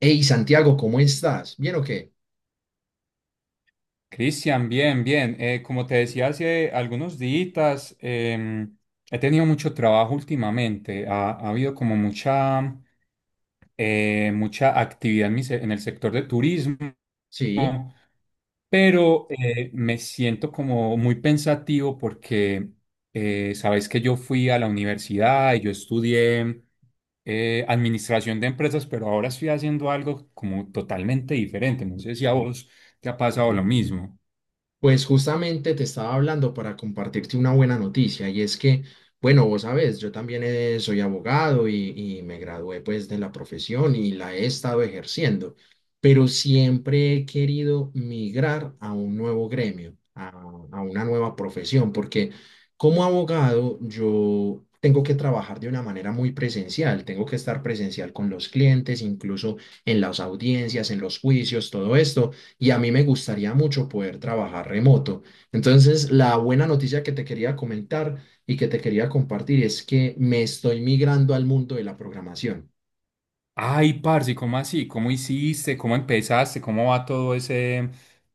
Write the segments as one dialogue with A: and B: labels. A: Hey Santiago, ¿cómo estás? ¿Bien o qué?
B: Cristian, bien, bien. Como te decía hace algunos días, he tenido mucho trabajo últimamente. Ha habido como mucha, mucha actividad en el sector de turismo,
A: Sí.
B: pero me siento como muy pensativo porque sabes que yo fui a la universidad y yo estudié administración de empresas, pero ahora estoy haciendo algo como totalmente diferente. No sé si a vos te ha pasado lo mismo.
A: Pues justamente te estaba hablando para compartirte una buena noticia y es que, bueno, vos sabes, yo también soy abogado y me gradué pues de la profesión y la he estado ejerciendo, pero siempre he querido migrar a un nuevo gremio, a una nueva profesión, porque como abogado yo tengo que trabajar de una manera muy presencial, tengo que estar presencial con los clientes, incluso en las audiencias, en los juicios, todo esto y a mí me gustaría mucho poder trabajar remoto. Entonces, la buena noticia que te quería comentar y que te quería compartir es que me estoy migrando al mundo de la programación.
B: Ay, parce, ¿cómo así? ¿Cómo hiciste? ¿Cómo empezaste? ¿Cómo va todo ese,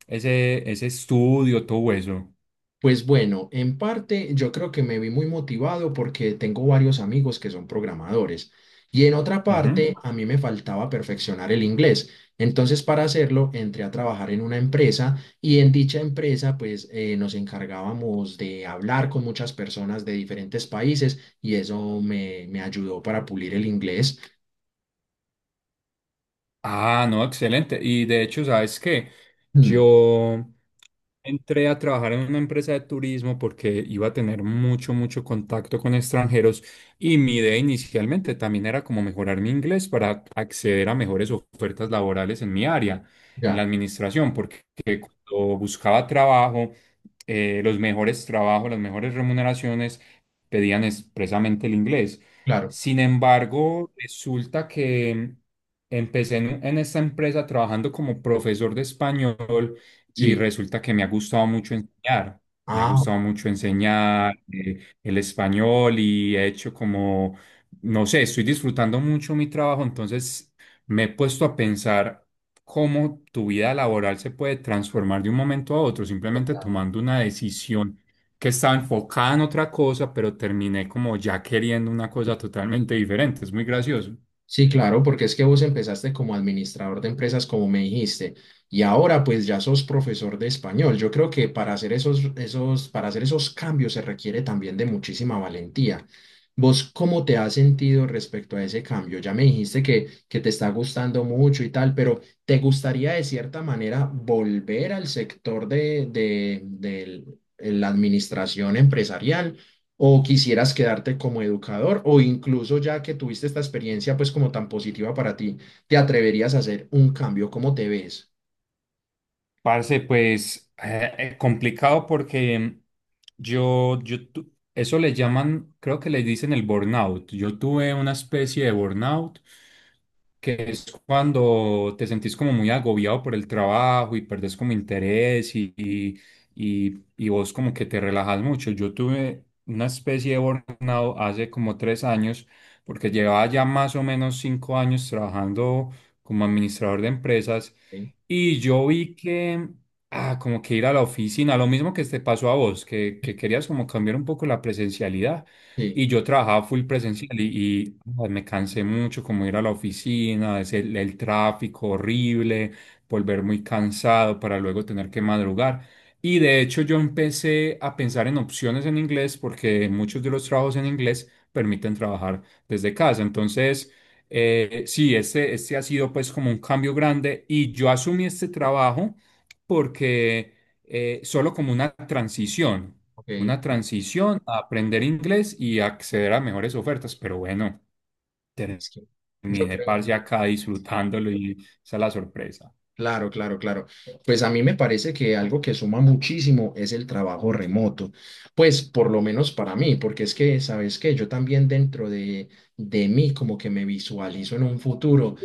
B: ese, ese estudio, todo eso?
A: Pues bueno, en parte yo creo que me vi muy motivado porque tengo varios amigos que son programadores y en otra
B: Ujú.
A: parte a mí me faltaba perfeccionar el inglés. Entonces para hacerlo entré a trabajar en una empresa y en dicha empresa pues nos encargábamos de hablar con muchas personas de diferentes países y eso me ayudó para pulir el inglés.
B: Ah, no, excelente. Y de hecho, ¿sabes qué?
A: Mm,
B: Yo entré a trabajar en una empresa de turismo porque iba a tener mucho, mucho contacto con extranjeros y mi idea inicialmente también era como mejorar mi inglés para acceder a mejores ofertas laborales en mi área, en la
A: ya,
B: administración, porque cuando buscaba trabajo, los mejores trabajos, las mejores remuneraciones pedían expresamente el inglés.
A: claro,
B: Sin embargo, resulta que empecé en esta empresa trabajando como profesor de español, y
A: sí.
B: resulta que me ha gustado mucho enseñar. Me ha
A: Ah,
B: gustado mucho enseñar el español, y he hecho como, no sé, estoy disfrutando mucho mi trabajo, entonces me he puesto a pensar cómo tu vida laboral se puede transformar de un momento a otro, simplemente tomando una decisión que estaba enfocada en otra cosa, pero terminé como ya queriendo una cosa totalmente diferente. Es muy gracioso.
A: sí, claro, porque es que vos empezaste como administrador de empresas, como me dijiste, y ahora pues ya sos profesor de español. Yo creo que para hacer para hacer esos cambios se requiere también de muchísima valentía. ¿Vos cómo te has sentido respecto a ese cambio? Ya me dijiste que te está gustando mucho y tal, pero ¿te gustaría de cierta manera volver al sector de la administración empresarial? ¿O quisieras quedarte como educador o incluso ya que tuviste esta experiencia pues como tan positiva para ti, te atreverías a hacer un cambio? ¿Cómo te ves?
B: Parce, pues complicado porque eso le llaman, creo que le dicen el burnout. Yo tuve una especie de burnout, que es cuando te sentís como muy agobiado por el trabajo y perdés como interés y vos como que te relajas mucho. Yo tuve una especie de burnout hace como tres años porque llevaba ya más o menos cinco años trabajando como administrador de empresas,
A: Ok.
B: y yo vi que, ah, como que ir a la oficina, lo mismo que te pasó a vos, que
A: Sí.
B: querías como cambiar un poco la presencialidad.
A: Sí,
B: Y yo trabajaba full presencial ah, me cansé mucho como ir a la oficina, es el tráfico horrible, volver muy cansado para luego tener que madrugar. Y de hecho yo empecé a pensar en opciones en inglés porque muchos de los trabajos en inglés permiten trabajar desde casa. Entonces... sí, este ha sido pues como un cambio grande y yo asumí este trabajo porque solo como
A: ok. Es
B: una transición a aprender inglés y acceder a mejores ofertas, pero bueno,
A: que yo
B: terminé parce
A: creo.
B: acá disfrutándolo y esa es la sorpresa
A: Claro, claro, claro. Pues a mí me parece que algo que suma muchísimo es el trabajo remoto. Pues por lo menos para mí, porque es que, ¿sabes qué? Yo también dentro de mí como que me visualizo en un futuro,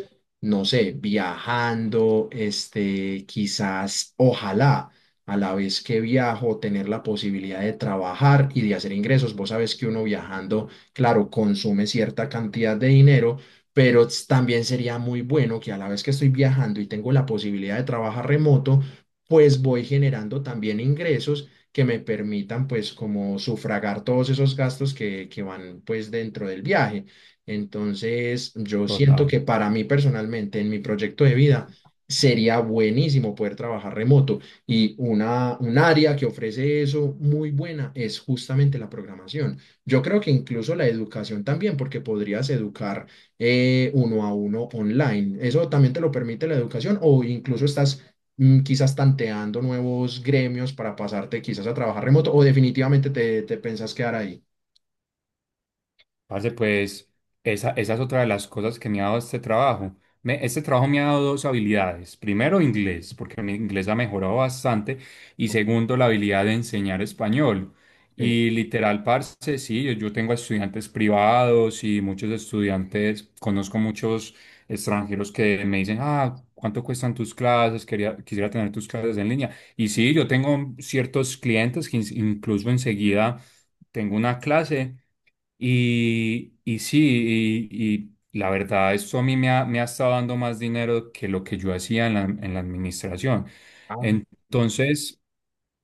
A: no sé, viajando, este, quizás, ojalá, a la vez que viajo, tener la posibilidad de trabajar y de hacer ingresos. Vos sabes que uno viajando, claro, consume cierta cantidad de dinero pero también sería muy bueno que a la vez que estoy viajando y tengo la posibilidad de trabajar remoto, pues voy generando también ingresos que me permitan pues como sufragar todos esos gastos que van pues dentro del viaje. Entonces, yo siento
B: total.
A: que para mí personalmente, en mi proyecto de vida, sería buenísimo poder trabajar remoto y un área que ofrece eso muy buena es justamente la programación. Yo creo que incluso la educación también, porque podrías educar uno a uno online. Eso también te lo permite la educación o incluso estás mm, quizás tanteando nuevos gremios para pasarte quizás a trabajar remoto o definitivamente te pensás quedar ahí.
B: Parce, pues esa es otra de las cosas que me ha dado este trabajo. Este trabajo me ha dado dos habilidades. Primero, inglés, porque mi inglés ha mejorado bastante. Y segundo, la habilidad de enseñar español.
A: Sí.
B: Y literal, parce, sí, yo tengo estudiantes privados y muchos estudiantes, conozco muchos extranjeros que me dicen, ah, ¿cuánto cuestan tus clases? Quería, quisiera tener tus clases en línea. Y sí, yo tengo ciertos clientes incluso enseguida tengo una clase. Y, y sí, y, y la verdad, eso a mí me ha estado dando más dinero que lo que yo hacía en la administración.
A: Ah,
B: Entonces,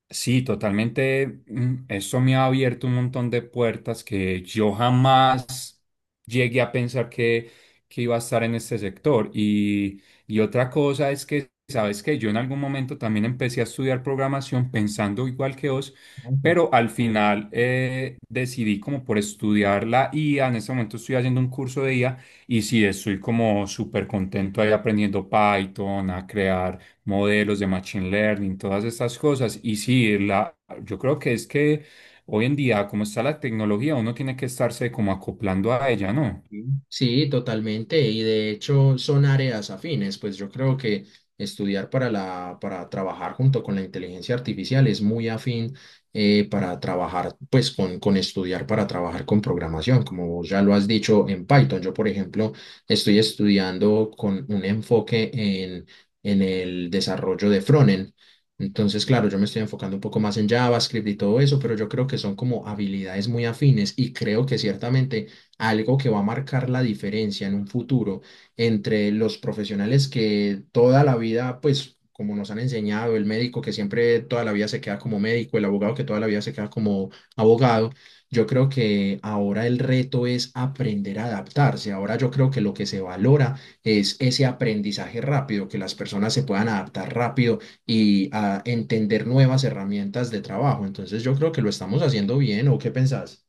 B: sí, totalmente. Eso me ha abierto un montón de puertas que yo jamás llegué a pensar que iba a estar en este sector. Y otra cosa es que, sabes que yo en algún momento también empecé a estudiar programación pensando igual que vos,
A: ok.
B: pero al final decidí como por estudiar la IA. En este momento estoy haciendo un curso de IA y sí, estoy como súper contento ahí aprendiendo Python, a crear modelos de machine learning, todas estas cosas. Y sí, la, yo creo que es que hoy en día, como está la tecnología, uno tiene que estarse como acoplando a ella, ¿no?
A: Sí, sí, totalmente. Y de hecho son áreas afines. Pues yo creo que estudiar para para trabajar junto con la inteligencia artificial es muy afín para trabajar, pues con estudiar para trabajar con programación, como vos ya lo has dicho en Python. Yo, por ejemplo, estoy estudiando con un enfoque en el desarrollo de frontend. Entonces, claro, yo me estoy enfocando un poco más en JavaScript y todo eso, pero yo creo que son como habilidades muy afines y creo que ciertamente algo que va a marcar la diferencia en un futuro entre los profesionales que toda la vida, pues como nos han enseñado, el médico que siempre toda la vida se queda como médico, el abogado que toda la vida se queda como abogado, yo creo que ahora el reto es aprender a adaptarse. Ahora yo creo que lo que se valora es ese aprendizaje rápido, que las personas se puedan adaptar rápido y a entender nuevas herramientas de trabajo. Entonces yo creo que lo estamos haciendo bien, ¿o qué pensás?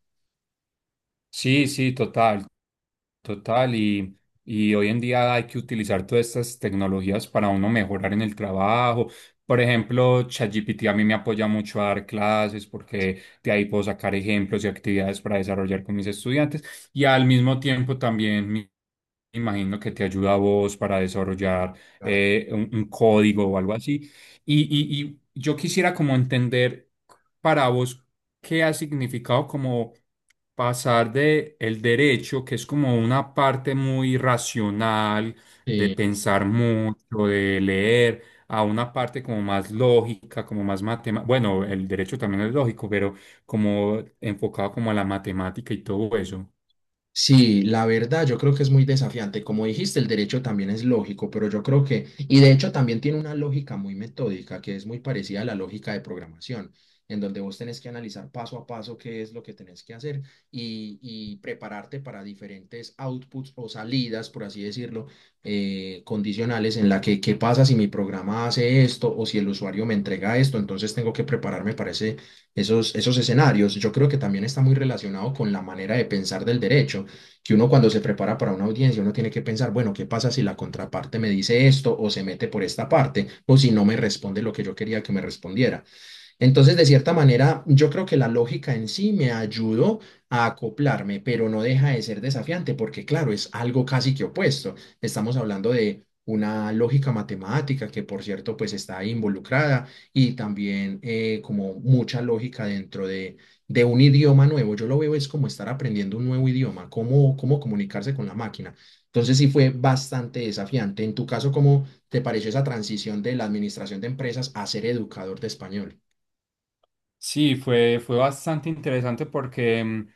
B: Sí, sí, total. Total, y hoy en día hay que utilizar todas estas tecnologías para uno mejorar en el trabajo. Por ejemplo, ChatGPT a mí me apoya mucho a dar clases porque de ahí puedo sacar ejemplos y actividades para desarrollar con mis estudiantes. Y al mismo tiempo también me imagino que te ayuda a vos para desarrollar
A: Claro.
B: un código o algo así. Y yo quisiera como entender para vos qué ha significado como pasar de el derecho, que es como una parte muy racional, de
A: Sí.
B: pensar mucho, de leer, a una parte como más lógica, como más matemática. Bueno, el derecho también es lógico, pero como enfocado como a la matemática y todo eso.
A: Sí, la verdad, yo creo que es muy desafiante. Como dijiste, el derecho también es lógico, pero yo creo que, y de hecho también tiene una lógica muy metódica, que es muy parecida a la lógica de programación, en donde vos tenés que analizar paso a paso qué es lo que tenés que hacer y prepararte para diferentes outputs o salidas, por así decirlo, condicionales en la que qué pasa si mi programa hace esto o si el usuario me entrega esto, entonces tengo que prepararme para esos escenarios. Yo creo que también está muy relacionado con la manera de pensar del derecho que uno cuando se prepara para una audiencia, uno tiene que pensar, bueno, ¿qué pasa si la contraparte me dice esto o se mete por esta parte o si no me responde lo que yo quería que me respondiera? Entonces, de cierta manera, yo creo que la lógica en sí me ayudó a acoplarme, pero no deja de ser desafiante porque, claro, es algo casi que opuesto. Estamos hablando de una lógica matemática que, por cierto, pues está ahí involucrada y también como mucha lógica dentro de un idioma nuevo. Yo lo veo es como estar aprendiendo un nuevo idioma, cómo comunicarse con la máquina. Entonces, sí fue bastante desafiante. En tu caso, ¿cómo te pareció esa transición de la administración de empresas a ser educador de español?
B: Sí, fue bastante interesante porque mm,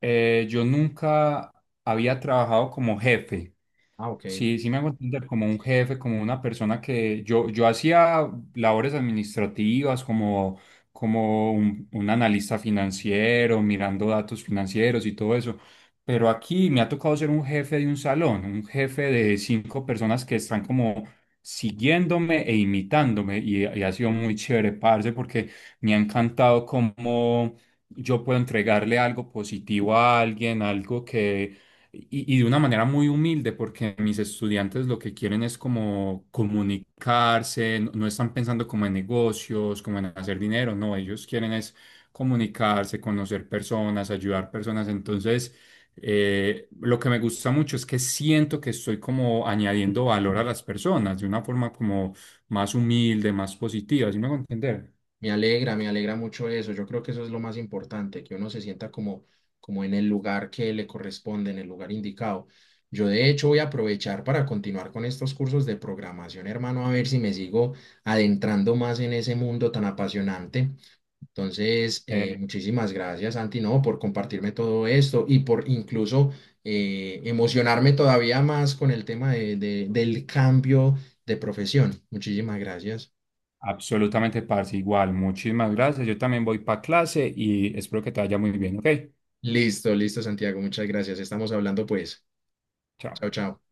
B: eh, yo nunca había trabajado como jefe.
A: Ah, ok.
B: Sí, sí me hago entender como un jefe, como una persona que yo hacía labores administrativas, como, como un analista financiero, mirando datos financieros y todo eso. Pero aquí me ha tocado ser un jefe de un salón, un jefe de cinco personas que están como siguiéndome e imitándome. Y ha sido muy chévere, parce, porque me ha encantado cómo yo puedo entregarle algo positivo a alguien, algo que y de una manera muy humilde, porque mis estudiantes lo que quieren es como comunicarse, no, no están pensando como en negocios, como en hacer dinero, no, ellos quieren es comunicarse, conocer personas, ayudar personas. Entonces, lo que me gusta mucho es que siento que estoy como añadiendo valor a las personas de una forma como más humilde, más positiva, ¿sí me hago entender?
A: Me alegra mucho eso. Yo creo que eso es lo más importante, que uno se sienta como, como en el lugar que le corresponde, en el lugar indicado. Yo de hecho voy a aprovechar para continuar con estos cursos de programación, hermano, a ver si me sigo adentrando más en ese mundo tan apasionante. Entonces,
B: Eh,
A: muchísimas gracias, Santi, no, por compartirme todo esto y por incluso emocionarme todavía más con el tema del cambio de profesión. Muchísimas gracias.
B: Absolutamente, parce, igual, muchísimas gracias. Yo también voy para clase y espero que te vaya muy bien, ¿ok?
A: Listo, listo, Santiago. Muchas gracias. Estamos hablando pues.
B: Chao.
A: Chao, chao.